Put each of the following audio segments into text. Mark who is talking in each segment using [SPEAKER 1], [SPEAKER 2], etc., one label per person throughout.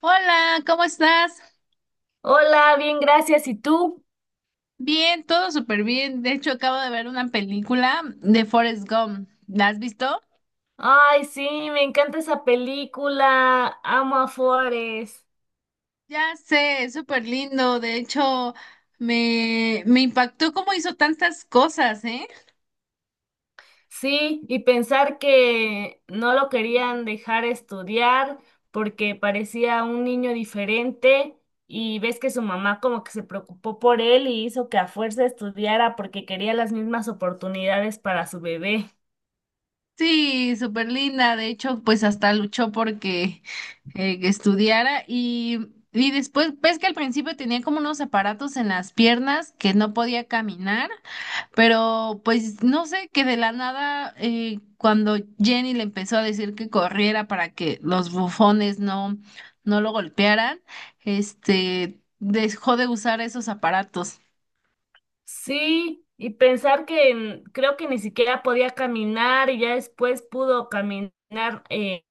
[SPEAKER 1] Hola, ¿cómo estás?
[SPEAKER 2] Hola, bien, gracias. ¿Y tú?
[SPEAKER 1] Bien, todo súper bien. De hecho, acabo de ver una película de Forrest Gump. ¿La has visto?
[SPEAKER 2] Ay, sí, me encanta esa película. Amo a Forrest.
[SPEAKER 1] Ya sé, es súper lindo. De hecho, me impactó cómo hizo tantas cosas, ¿eh?
[SPEAKER 2] Sí, y pensar que no lo querían dejar estudiar porque parecía un niño diferente y ves que su mamá como que se preocupó por él y hizo que a fuerza estudiara porque quería las mismas oportunidades para su bebé.
[SPEAKER 1] Sí, súper linda. De hecho, pues hasta luchó porque que estudiara y después, ves que al principio tenía como unos aparatos en las piernas que no podía caminar. Pero pues no sé, que de la nada, cuando Jenny le empezó a decir que corriera para que los bufones no lo golpearan, este dejó de usar esos aparatos.
[SPEAKER 2] Sí, y pensar que mm, creo que ni siquiera podía caminar y ya después pudo caminar. eh,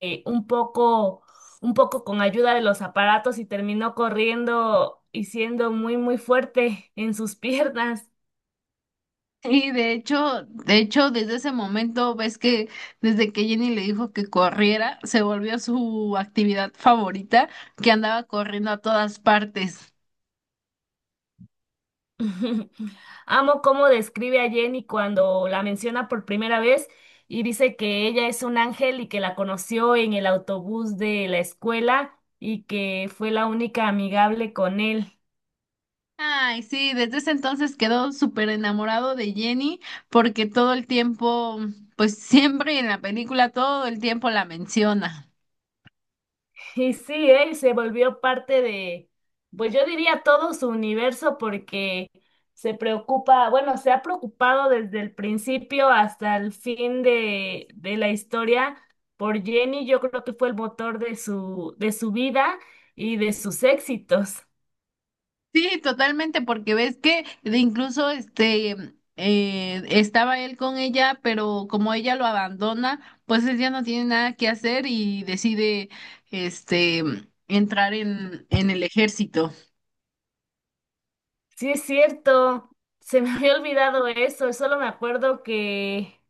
[SPEAKER 2] un poco, un poco con ayuda de los aparatos y terminó corriendo y siendo muy, muy fuerte en sus piernas.
[SPEAKER 1] Y de hecho, desde ese momento ves que desde que Jenny le dijo que corriera, se volvió su actividad favorita, que andaba corriendo a todas partes.
[SPEAKER 2] Amo cómo describe a Jenny cuando la menciona por primera vez y dice que ella es un ángel y que la conoció en el autobús de la escuela y que fue la única amigable con él.
[SPEAKER 1] Ay, sí, desde ese entonces quedó súper enamorado de Jenny porque todo el tiempo, pues siempre en la película, todo el tiempo la menciona.
[SPEAKER 2] Y sí, él se volvió parte de, pues yo diría todo su universo porque se preocupa, bueno, se ha preocupado desde el principio hasta el fin de la historia por Jenny. Yo creo que fue el motor de su vida y de sus éxitos.
[SPEAKER 1] Sí, totalmente, porque ves que de incluso estaba él con ella, pero como ella lo abandona, pues él ya no tiene nada que hacer y decide este entrar en el ejército.
[SPEAKER 2] Sí, es cierto, se me había olvidado eso, solo me acuerdo que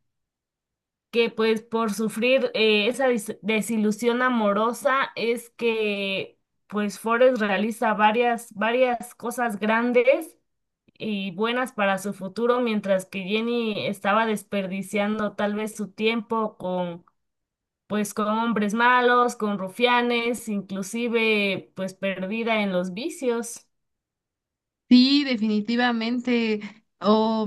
[SPEAKER 2] que pues por sufrir esa desilusión amorosa es que pues Forrest realiza varias, varias cosas grandes y buenas para su futuro, mientras que Jenny estaba desperdiciando tal vez su tiempo con pues con hombres malos, con rufianes, inclusive pues perdida en los vicios.
[SPEAKER 1] Sí, definitivamente. O,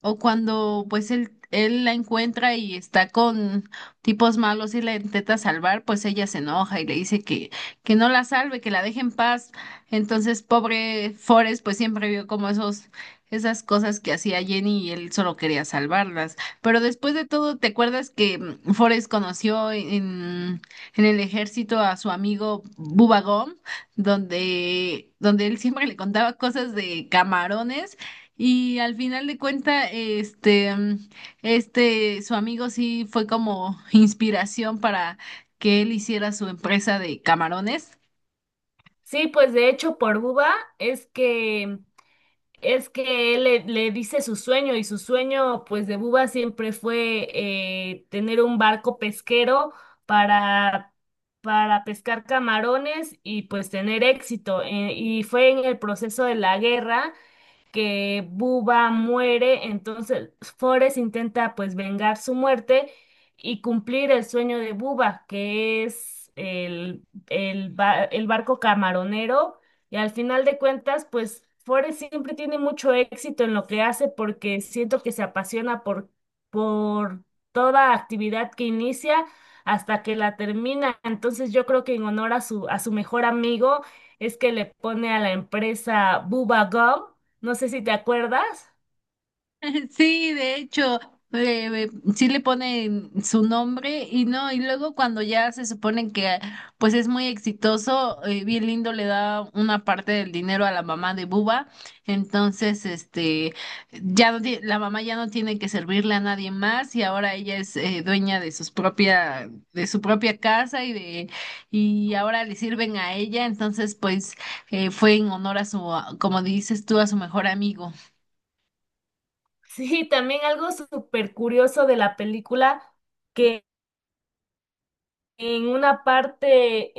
[SPEAKER 1] o cuando pues él la encuentra y está con tipos malos y la intenta salvar, pues ella se enoja y le dice que no la salve, que la deje en paz. Entonces, pobre Forrest, pues siempre vio como esas cosas que hacía Jenny y él solo quería salvarlas. Pero después de todo, ¿te acuerdas que Forrest conoció en el ejército a su amigo Bubba Gump? Donde donde, él siempre le contaba cosas de camarones y al final de cuenta, su amigo sí fue como inspiración para que él hiciera su empresa de camarones.
[SPEAKER 2] Sí, pues de hecho por Buba es que es que él le dice su sueño y su sueño pues de Buba siempre fue tener un barco pesquero para, para pescar camarones y pues tener éxito. Y fue en el proceso de la guerra que Buba muere, entonces Forrest intenta pues vengar su muerte y cumplir el sueño de Buba, que es el barco camaronero, y al final de cuentas pues Forrest siempre tiene mucho éxito en lo que hace porque siento que se apasiona por toda actividad que inicia hasta que la termina. Entonces yo creo que en honor a su mejor amigo es que le pone a la empresa Bubba Gum, no sé si te acuerdas.
[SPEAKER 1] Sí, de hecho, sí le ponen su nombre y no, y luego cuando ya se supone que pues es muy exitoso, bien lindo le da una parte del dinero a la mamá de Buba, entonces este ya no ti- la mamá ya no tiene que servirle a nadie más y ahora ella es dueña de sus propia de su propia casa y de y ahora le sirven a ella, entonces pues fue en honor a su como dices tú a su mejor amigo.
[SPEAKER 2] Sí, también algo súper curioso de la película, que en una parte,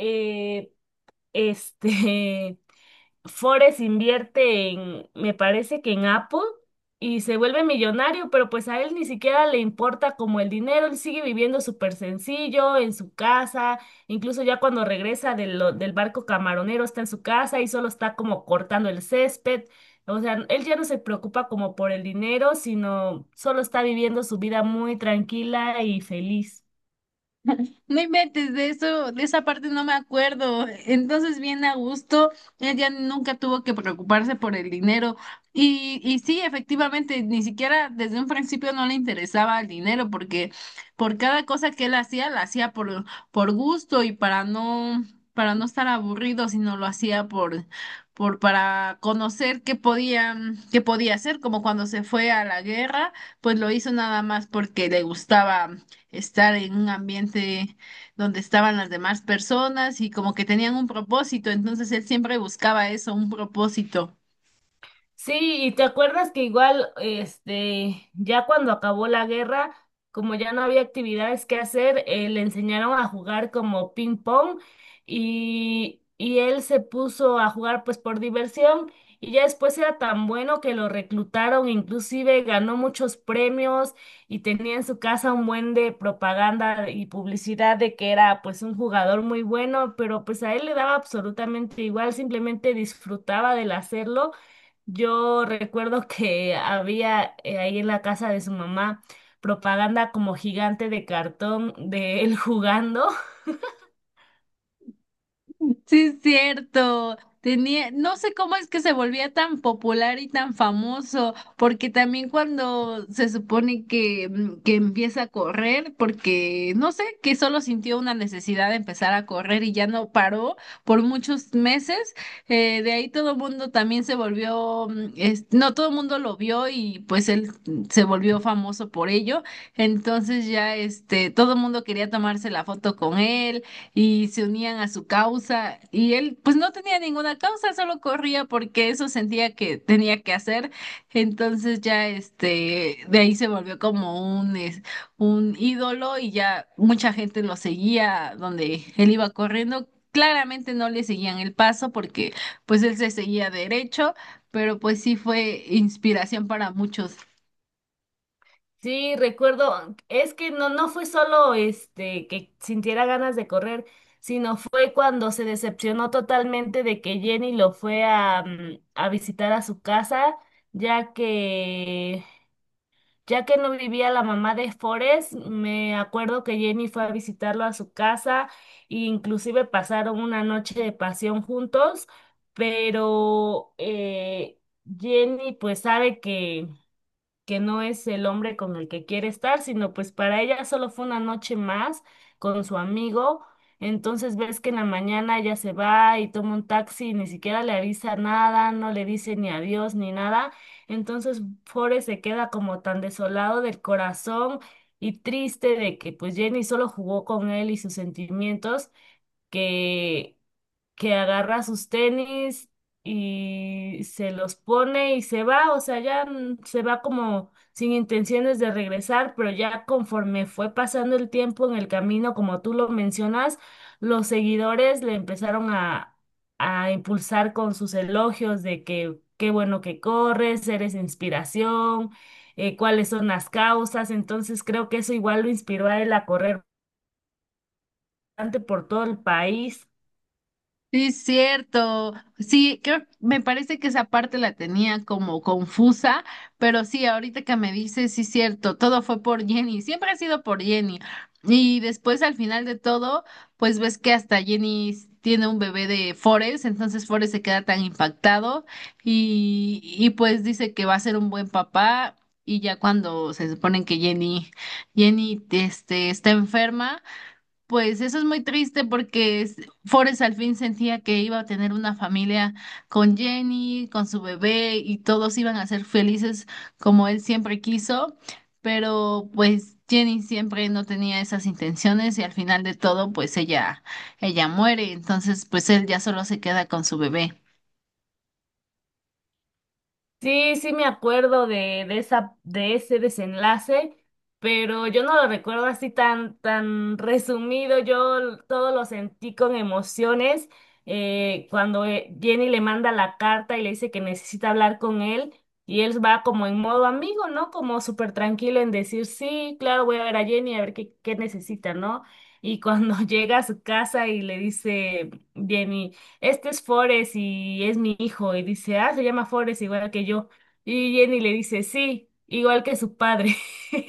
[SPEAKER 2] este, Forrest invierte en, me parece que en Apple, y se vuelve millonario, pero pues a él ni siquiera le importa como el dinero, él sigue viviendo súper sencillo en su casa, incluso ya cuando regresa del barco camaronero está en su casa y solo está como cortando el césped. O sea, él ya no se preocupa como por el dinero, sino solo está viviendo su vida muy tranquila y feliz.
[SPEAKER 1] No inventes de eso, de esa parte no me acuerdo. Entonces, bien a gusto, ella nunca tuvo que preocuparse por el dinero. Y sí, efectivamente, ni siquiera desde un principio no le interesaba el dinero, porque por cada cosa que él hacía, la hacía por gusto y para para no estar aburrido, sino lo hacía para conocer qué qué podía hacer, como cuando se fue a la guerra, pues lo hizo nada más porque le gustaba estar en un ambiente donde estaban las demás personas y como que tenían un propósito, entonces él siempre buscaba eso, un propósito.
[SPEAKER 2] Sí, y te acuerdas que igual, este, ya cuando acabó la guerra, como ya no había actividades que hacer, le enseñaron a jugar como ping pong y él se puso a jugar pues por diversión, y ya después era tan bueno que lo reclutaron, inclusive ganó muchos premios y tenía en su casa un buen de propaganda y publicidad de que era pues un jugador muy bueno, pero pues a él le daba absolutamente igual, simplemente disfrutaba del hacerlo. Yo recuerdo que había ahí en la casa de su mamá propaganda como gigante de cartón de él jugando.
[SPEAKER 1] Sí, es cierto. Tenía, no sé cómo es que se volvía tan popular y tan famoso, porque también cuando se supone que, que empieza a correr, porque no sé, que solo sintió una necesidad de empezar a correr y ya no paró por muchos meses, de ahí todo el mundo también se volvió, es- no todo el mundo lo vio y pues él se volvió famoso por ello, entonces ya este, todo el mundo quería tomarse la foto con él y se unían a su causa y él pues no tenía ninguna causa, solo corría porque eso sentía que tenía que hacer. Entonces ya este de ahí se volvió como un es- un ídolo y ya mucha gente lo seguía donde él iba corriendo. Claramente no le seguían el paso porque pues él se seguía derecho, pero pues sí fue inspiración para muchos.
[SPEAKER 2] Sí, recuerdo, es que no, no fue solo este que sintiera ganas de correr, sino fue cuando se decepcionó totalmente de que Jenny lo fue a, mm, a visitar a su casa, ya que ya que no vivía la mamá de Forrest, me acuerdo que Jenny fue a visitarlo a su casa e inclusive pasaron una noche de pasión juntos, pero Jenny pues sabe que no es el hombre con el que quiere estar, sino pues para ella solo fue una noche más con su amigo. Entonces ves que en la mañana ella se va y toma un taxi y ni siquiera le avisa nada, no le dice ni adiós ni nada. Entonces Forrest se queda como tan desolado del corazón y triste de que pues Jenny solo jugó con él y sus sentimientos, que que agarra sus tenis y se los pone y se va. O sea, ya se va como sin intenciones de regresar, pero ya conforme fue pasando el tiempo en el camino, como tú lo mencionas, los seguidores le empezaron a impulsar con sus elogios de que qué bueno que corres, eres inspiración, cuáles son las causas. Entonces creo que eso igual lo inspiró a él a correr bastante por todo el país.
[SPEAKER 1] Sí, es cierto. Sí, creo, me parece que esa parte la tenía como confusa, pero sí, ahorita que me dices, sí, es cierto, todo fue por Jenny, siempre ha sido por Jenny. Y después al final de todo, pues ves que hasta Jenny tiene un bebé de Forrest, entonces Forrest se queda tan impactado y pues dice que va a ser un buen papá. Y ya cuando se suponen que Jenny, este, está enferma. Pues eso es muy triste porque es- Forrest al fin sentía que iba a tener una familia con Jenny, con su bebé y todos iban a ser felices como él siempre quiso, pero pues Jenny siempre no tenía esas intenciones y al final de todo pues ella muere, entonces pues él ya solo se queda con su bebé.
[SPEAKER 2] Sí, sí me acuerdo de esa, de ese desenlace, pero yo no lo recuerdo así tan, tan resumido. Yo todo lo sentí con emociones. Cuando Jenny le manda la carta y le dice que necesita hablar con él, y él va como en modo amigo, ¿no? Como súper tranquilo en decir, sí, claro, voy a ver a Jenny a ver qué, qué necesita, ¿no? Y cuando llega a su casa y le dice Jenny, este es Forrest y es mi hijo. Y dice, ah, se llama Forrest igual que yo. Y Jenny le dice, sí, igual que su padre.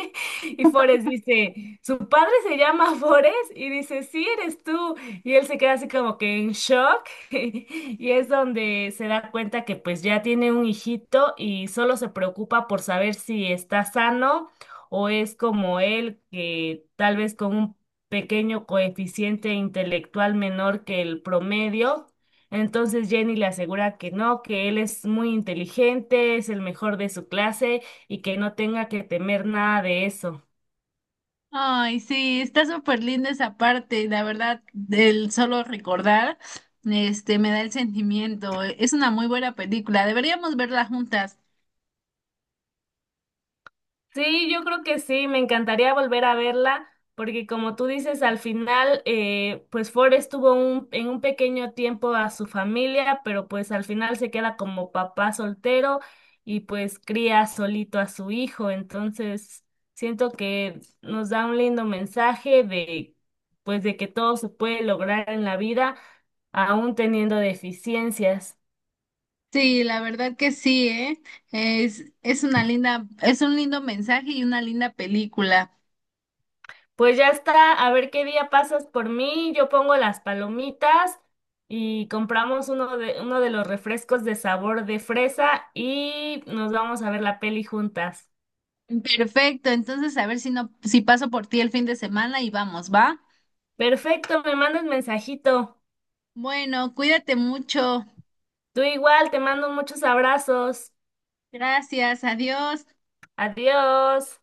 [SPEAKER 2] Y Forrest dice, ¿su padre se llama Forrest? Y dice, sí, eres tú. Y él se queda así como que en shock. Y es donde se da cuenta que pues ya tiene un hijito y solo se preocupa por saber si está sano o es como él, que tal vez con un pequeño coeficiente intelectual menor que el promedio. Entonces Jenny le asegura que no, que él es muy inteligente, es el mejor de su clase y que no tenga que temer nada de eso.
[SPEAKER 1] Ay, sí, está súper linda esa parte, la verdad, del solo recordar, este, me da el sentimiento. Es una muy buena película, deberíamos verla juntas.
[SPEAKER 2] Sí, yo creo que sí, me encantaría volver a verla, porque como tú dices, al final, pues Ford estuvo en un pequeño tiempo a su familia, pero pues al final se queda como papá soltero y pues cría solito a su hijo. Entonces siento que nos da un lindo mensaje de, pues de que todo se puede lograr en la vida, aún teniendo deficiencias.
[SPEAKER 1] Sí, la verdad que sí, ¿eh? Es una linda, es un lindo mensaje y una linda película.
[SPEAKER 2] Pues ya está, a ver qué día pasas por mí, yo pongo las palomitas y compramos uno de los refrescos de sabor de fresa y nos vamos a ver la peli juntas.
[SPEAKER 1] Perfecto, entonces a ver si no, si paso por ti el fin de semana y vamos, ¿va?
[SPEAKER 2] Perfecto, me mandas mensajito.
[SPEAKER 1] Bueno, cuídate mucho.
[SPEAKER 2] Tú igual, te mando muchos abrazos.
[SPEAKER 1] Gracias, adiós.
[SPEAKER 2] Adiós.